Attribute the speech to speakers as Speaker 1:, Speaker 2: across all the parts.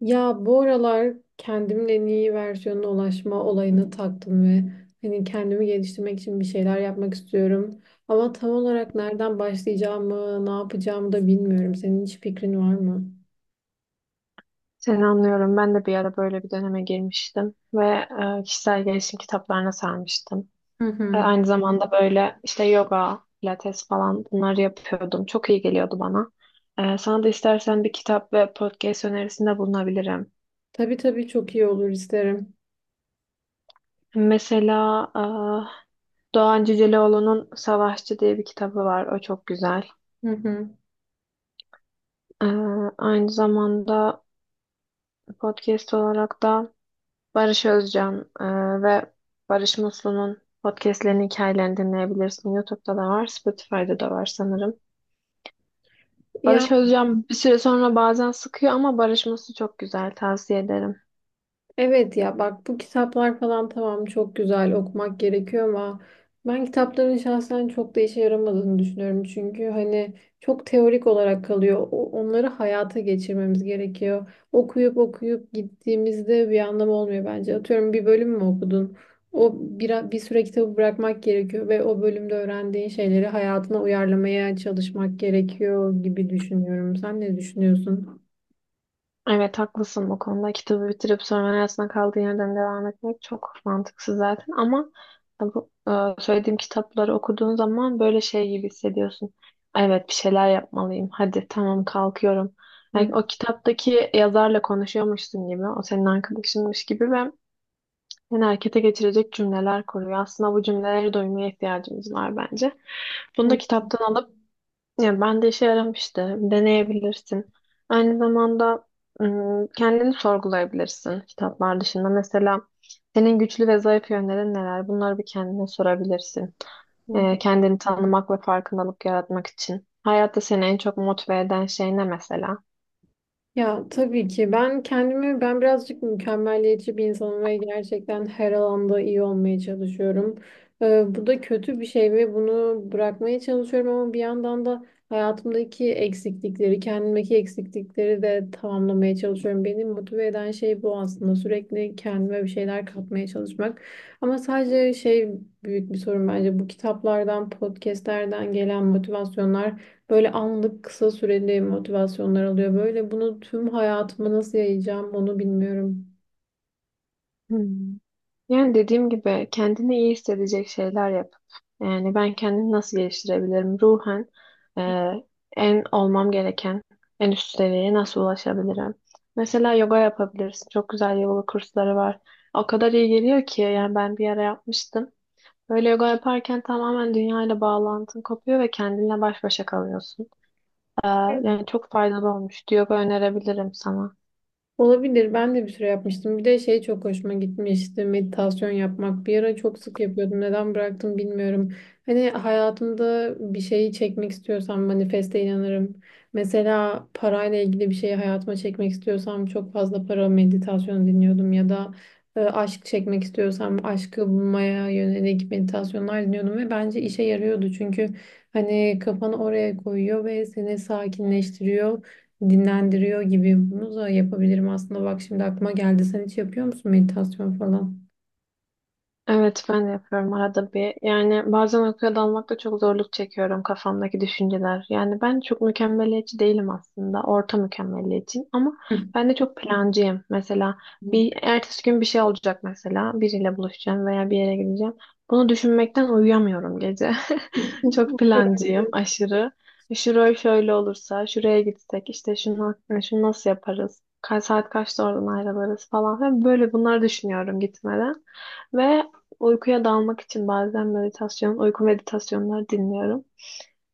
Speaker 1: Ya bu aralar kendimin en iyi versiyonuna ulaşma olayına taktım ve hani kendimi geliştirmek için bir şeyler yapmak istiyorum. Ama tam olarak nereden başlayacağımı, ne yapacağımı da bilmiyorum. Senin hiç fikrin var mı?
Speaker 2: Seni anlıyorum. Ben de bir ara böyle bir döneme girmiştim ve kişisel gelişim kitaplarına sarmıştım.
Speaker 1: Hı hı.
Speaker 2: Aynı zamanda böyle işte yoga, pilates falan bunları yapıyordum. Çok iyi geliyordu bana. Sana da istersen bir kitap ve podcast önerisinde bulunabilirim.
Speaker 1: Tabii tabii, çok iyi olur, isterim.
Speaker 2: Mesela Doğan Cüceloğlu'nun Savaşçı diye bir kitabı var. O çok güzel.
Speaker 1: Hı hı.
Speaker 2: E, Aynı zamanda podcast olarak da Barış Özcan ve Barış Muslu'nun podcastlerinin hikayelerini dinleyebilirsin. YouTube'da da var, Spotify'da da var sanırım.
Speaker 1: Ya,
Speaker 2: Barış Özcan bir süre sonra bazen sıkıyor ama Barış Muslu çok güzel, tavsiye ederim.
Speaker 1: evet ya, bak bu kitaplar falan tamam, çok güzel, okumak gerekiyor ama ben kitapların şahsen çok da işe yaramadığını düşünüyorum. Çünkü hani çok teorik olarak kalıyor. Onları hayata geçirmemiz gerekiyor. Okuyup okuyup gittiğimizde bir anlamı olmuyor bence. Atıyorum, bir bölüm mü okudun? O bir süre kitabı bırakmak gerekiyor ve o bölümde öğrendiğin şeyleri hayatına uyarlamaya çalışmak gerekiyor gibi düşünüyorum. Sen ne düşünüyorsun?
Speaker 2: Evet haklısın bu konuda. Kitabı bitirip sonra arasında kaldığı yerden devam etmek çok mantıksız zaten ama bu söylediğim kitapları okuduğun zaman böyle şey gibi hissediyorsun. Evet bir şeyler yapmalıyım. Hadi tamam kalkıyorum. Yani
Speaker 1: Hı,
Speaker 2: o kitaptaki yazarla konuşuyormuşsun gibi, o senin arkadaşınmış gibi ve seni harekete geçirecek cümleler kuruyor. Aslında bu cümleleri duymaya ihtiyacımız var bence. Bunu
Speaker 1: hı,
Speaker 2: da kitaptan alıp ya ben de işe yaramıştı. Deneyebilirsin. Aynı zamanda kendini sorgulayabilirsin kitaplar dışında. Mesela senin güçlü ve zayıf yönlerin neler? Bunları bir kendine sorabilirsin. Kendini tanımak ve farkındalık yaratmak için. Hayatta seni en çok motive eden şey ne mesela?
Speaker 1: ya tabii ki, ben birazcık mükemmeliyetçi bir insanım ve gerçekten her alanda iyi olmaya çalışıyorum. Bu da kötü bir şey ve bunu bırakmaya çalışıyorum ama bir yandan da hayatımdaki eksiklikleri, kendimdeki eksiklikleri de tamamlamaya çalışıyorum. Beni motive eden şey bu aslında. Sürekli kendime bir şeyler katmaya çalışmak. Ama sadece şey, büyük bir sorun bence bu kitaplardan, podcastlerden gelen motivasyonlar. Böyle anlık, kısa süreli motivasyonlar alıyor. Böyle bunu tüm hayatıma nasıl yayacağım onu bilmiyorum.
Speaker 2: Hmm. Yani dediğim gibi kendini iyi hissedecek şeyler yap. Yani ben kendimi nasıl geliştirebilirim? Ruhen e, en olmam gereken en üst seviyeye nasıl ulaşabilirim? Mesela yoga yapabilirsin. Çok güzel yoga kursları var. O kadar iyi geliyor ki yani ben bir ara yapmıştım. Böyle yoga yaparken tamamen dünyayla bağlantın kopuyor ve kendinle baş başa kalıyorsun. Yani çok faydalı olmuştu. Yoga önerebilirim sana.
Speaker 1: Olabilir. Ben de bir süre yapmıştım. Bir de şey çok hoşuma gitmişti: meditasyon yapmak. Bir ara çok sık yapıyordum. Neden bıraktım bilmiyorum. Hani hayatımda bir şeyi çekmek istiyorsam manifeste inanırım. Mesela parayla ilgili bir şeyi hayatıma çekmek istiyorsam çok fazla para meditasyonu dinliyordum. Ya da aşk çekmek istiyorsam aşkı bulmaya yönelik meditasyonlar dinliyordum. Ve bence işe yarıyordu. Çünkü hani kafanı oraya koyuyor ve seni sakinleştiriyor, dinlendiriyor gibi. Bunu da yapabilirim aslında. Bak şimdi aklıma geldi. Sen hiç yapıyor musun meditasyon falan?
Speaker 2: Evet ben de yapıyorum arada bir. Yani bazen uykuya dalmakta çok zorluk çekiyorum kafamdaki düşünceler. Yani ben çok mükemmeliyetçi değilim aslında. Orta mükemmeliyetçiyim ama ben de çok plancıyım. Mesela bir ertesi gün bir şey olacak mesela. Biriyle buluşacağım veya bir yere gideceğim. Bunu düşünmekten uyuyamıyorum gece. Çok plancıyım aşırı. Şurayı şöyle olursa, şuraya gitsek, işte şunu, şunu nasıl yaparız? Kaç saat kaçta oradan ayrılırız falan. Ve böyle bunları düşünüyorum gitmeden. Ve uykuya dalmak için bazen meditasyon, uyku meditasyonları dinliyorum.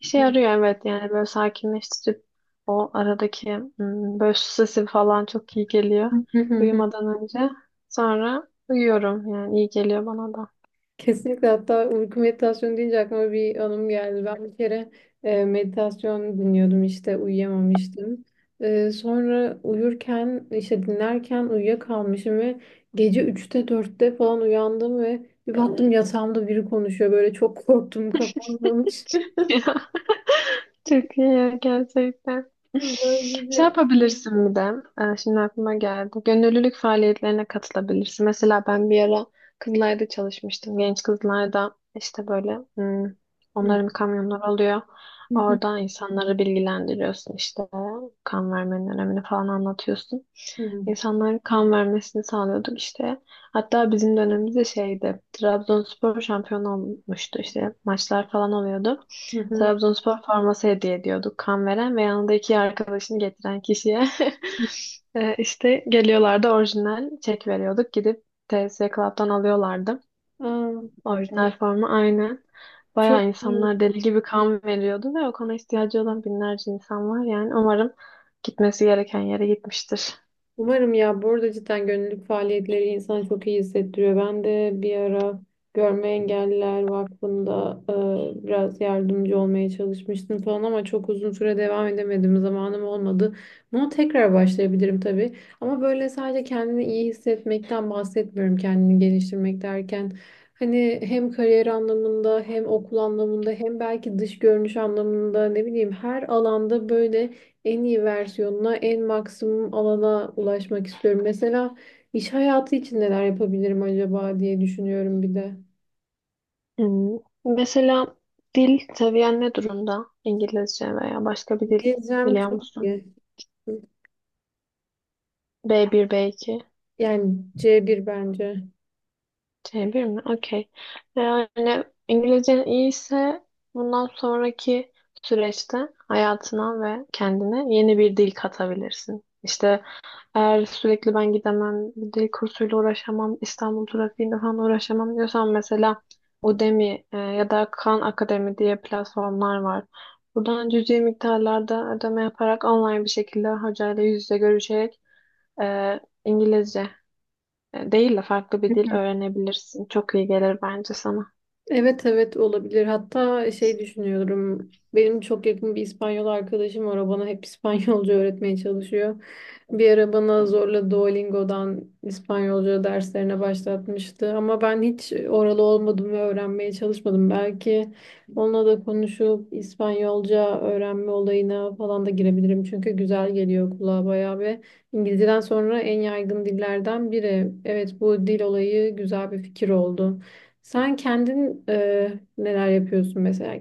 Speaker 2: İşe yarıyor evet yani böyle sakinleştirip o aradaki böyle su sesi falan çok iyi geliyor uyumadan önce. Sonra uyuyorum yani iyi geliyor bana da.
Speaker 1: Kesinlikle. Hatta uyku meditasyonu deyince aklıma bir anım geldi. Ben bir kere meditasyon dinliyordum işte, uyuyamamıştım. Sonra uyurken, işte dinlerken uyuyakalmışım ve gece üçte dörtte falan uyandım ve bir baktım yatağımda biri konuşuyor. Böyle çok korktum, kapanmamış.
Speaker 2: Çok iyi ya, gerçekten.
Speaker 1: Böyle
Speaker 2: Şey
Speaker 1: bir...
Speaker 2: yapabilirsin bir de. Şimdi aklıma geldi. Gönüllülük faaliyetlerine katılabilirsin. Mesela ben bir ara kızlarda çalışmıştım. Genç kızlarda işte böyle onların kamyonları oluyor.
Speaker 1: Hı.
Speaker 2: Orada insanları bilgilendiriyorsun işte. Kan vermenin önemini falan anlatıyorsun.
Speaker 1: Hı hı.
Speaker 2: İnsanların kan vermesini sağlıyorduk işte. Hatta bizim dönemimizde şeydi. Trabzonspor şampiyon olmuştu işte. Maçlar falan oluyordu.
Speaker 1: Hı. Hı.
Speaker 2: Trabzonspor forması hediye ediyorduk kan veren ve yanında iki arkadaşını getiren kişiye. İşte geliyorlardı orijinal çek veriyorduk. Gidip TSC Club'dan alıyorlardı.
Speaker 1: Aa,
Speaker 2: Orijinal forma aynen.
Speaker 1: çok
Speaker 2: Bayağı
Speaker 1: iyi.
Speaker 2: insanlar deli gibi kan veriyordu ve o kana ihtiyacı olan binlerce insan var. Yani umarım gitmesi gereken yere gitmiştir.
Speaker 1: Umarım ya. Bu arada cidden gönüllülük faaliyetleri insanı çok iyi hissettiriyor. Ben de bir ara Görme Engelliler Vakfı'nda biraz yardımcı olmaya çalışmıştım falan ama çok uzun süre devam edemedim. Zamanım olmadı. Bunu tekrar başlayabilirim tabii. Ama böyle sadece kendini iyi hissetmekten bahsetmiyorum. Kendini geliştirmek derken hani hem kariyer anlamında, hem okul anlamında, hem belki dış görünüş anlamında, ne bileyim, her alanda böyle en iyi versiyonuna, en maksimum alana ulaşmak istiyorum. Mesela iş hayatı için neler yapabilirim acaba diye düşünüyorum bir de.
Speaker 2: Hmm. Mesela dil seviyen ne durumda? İngilizce veya başka bir dil
Speaker 1: Gezem
Speaker 2: biliyor
Speaker 1: çok
Speaker 2: musun?
Speaker 1: iyi.
Speaker 2: B1, B2.
Speaker 1: Yani C1 bence.
Speaker 2: C bir mi? Okey. Yani İngilizcen iyiyse bundan sonraki süreçte hayatına ve kendine yeni bir dil katabilirsin. İşte eğer sürekli ben gidemem, bir dil kursuyla uğraşamam, İstanbul trafiğinde falan uğraşamam diyorsan mesela Udemy ya da Khan Akademi diye platformlar var. Buradan cüzi miktarlarda ödeme yaparak online bir şekilde hocayla yüz yüze görüşerek e, İngilizce değil de farklı bir dil öğrenebilirsin. Çok iyi gelir bence sana.
Speaker 1: Evet evet, olabilir. Hatta şey düşünüyorum. Benim çok yakın bir İspanyol arkadaşım var. O bana hep İspanyolca öğretmeye çalışıyor. Bir ara bana zorla Duolingo'dan İspanyolca derslerine başlatmıştı. Ama ben hiç oralı olmadım ve öğrenmeye çalışmadım. Belki onunla da konuşup İspanyolca öğrenme olayına falan da girebilirim. Çünkü güzel geliyor kulağa bayağı ve İngilizceden sonra en yaygın dillerden biri. Evet, bu dil olayı güzel bir fikir oldu. Sen kendin neler yapıyorsun mesela?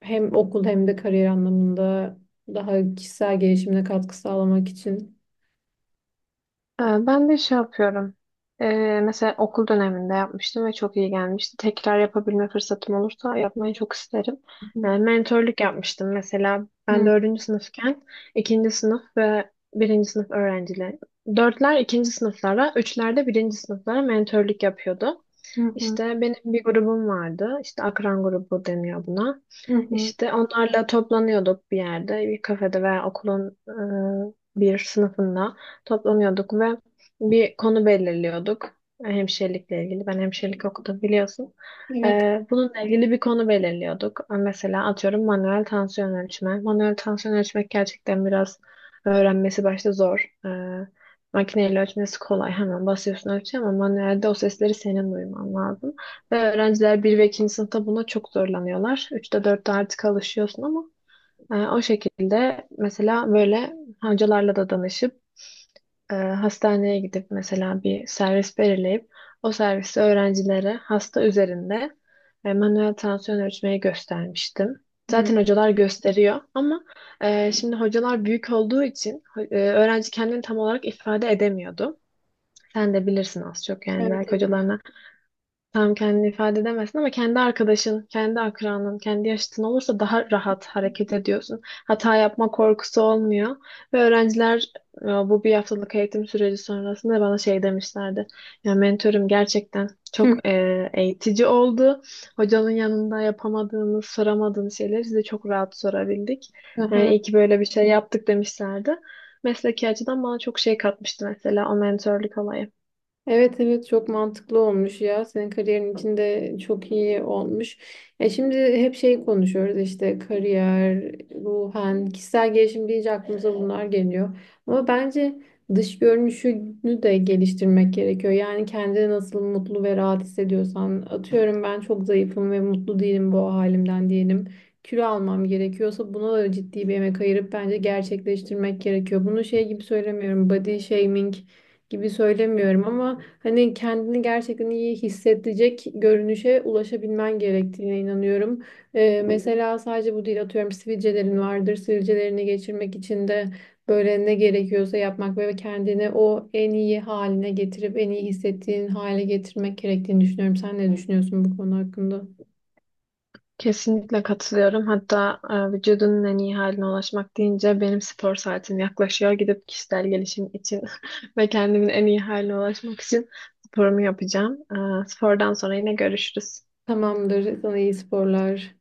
Speaker 1: Hem okul hem de kariyer anlamında, daha kişisel gelişimine katkı sağlamak için.
Speaker 2: Ben de şey yapıyorum. Mesela okul döneminde yapmıştım ve çok iyi gelmişti. Tekrar yapabilme fırsatım olursa yapmayı çok isterim.
Speaker 1: Hı
Speaker 2: Mentörlük yapmıştım. Mesela ben
Speaker 1: hı,
Speaker 2: dördüncü sınıfken ikinci sınıf ve birinci sınıf öğrencileri. Dörtler ikinci sınıflara, üçler de birinci sınıflara mentörlük yapıyordu.
Speaker 1: hı hı.
Speaker 2: İşte benim bir grubum vardı. İşte akran grubu deniyor buna.
Speaker 1: Hı hı.
Speaker 2: İşte onlarla toplanıyorduk bir yerde, bir kafede veya okulun bir sınıfında toplanıyorduk ve bir konu belirliyorduk. Hemşirelikle ilgili. Ben hemşirelik okudum biliyorsun.
Speaker 1: Evet.
Speaker 2: Bununla ilgili bir konu belirliyorduk. Mesela atıyorum manuel tansiyon ölçme. Manuel tansiyon ölçmek gerçekten biraz öğrenmesi başta zor. Makineyle ölçmesi kolay. Hemen basıyorsun ölçüyor ama manuelde o sesleri senin duyman lazım. Ve öğrenciler bir ve 2. sınıfta buna çok zorlanıyorlar. 3'te 4'te artık alışıyorsun ama o şekilde mesela böyle hocalarla da danışıp hastaneye gidip mesela bir servis belirleyip o servisi öğrencilere hasta üzerinde manuel tansiyon ölçmeyi göstermiştim.
Speaker 1: Hı.
Speaker 2: Zaten hocalar gösteriyor ama şimdi hocalar büyük olduğu için öğrenci kendini tam olarak ifade edemiyordu. Sen de bilirsin az çok yani
Speaker 1: Evet
Speaker 2: belki
Speaker 1: evet.
Speaker 2: hocalarına tam kendini ifade edemezsin ama kendi arkadaşın, kendi akranın, kendi yaşıtın olursa daha rahat hareket ediyorsun. Hata yapma korkusu olmuyor. Ve öğrenciler bu bir haftalık eğitim süreci sonrasında bana şey demişlerdi. Ya mentorum gerçekten
Speaker 1: Hı.
Speaker 2: çok eğitici oldu. Hocanın yanında yapamadığımız, soramadığımız şeyleri size çok rahat sorabildik. Yani
Speaker 1: Aha.
Speaker 2: iyi ki böyle bir şey yaptık demişlerdi. Mesleki açıdan bana çok şey katmıştı mesela o mentorluk olayı.
Speaker 1: Evet evet, çok mantıklı olmuş ya. Senin kariyerin içinde çok iyi olmuş. E şimdi hep şey konuşuyoruz, işte kariyer, ruhen, kişisel gelişim deyince aklımıza bunlar geliyor. Ama bence dış görünüşünü de geliştirmek gerekiyor. Yani kendini nasıl mutlu ve rahat hissediyorsan, atıyorum ben çok zayıfım ve mutlu değilim bu halimden diyelim. Kilo almam gerekiyorsa buna da ciddi bir emek ayırıp bence gerçekleştirmek gerekiyor. Bunu şey gibi söylemiyorum, body shaming gibi söylemiyorum ama hani kendini gerçekten iyi hissedecek görünüşe ulaşabilmen gerektiğine inanıyorum. Mesela sadece bu değil, atıyorum sivilcelerin vardır. Sivilcelerini geçirmek için de böyle ne gerekiyorsa yapmak ve kendini o en iyi haline getirip en iyi hissettiğin hale getirmek gerektiğini düşünüyorum. Sen ne düşünüyorsun bu konu hakkında?
Speaker 2: Kesinlikle katılıyorum. Hatta vücudunun en iyi haline ulaşmak deyince benim spor saatim yaklaşıyor. Gidip kişisel gelişim için ve kendimin en iyi haline ulaşmak için sporumu yapacağım. Spordan sonra yine görüşürüz.
Speaker 1: Tamamdır. Sana iyi sporlar.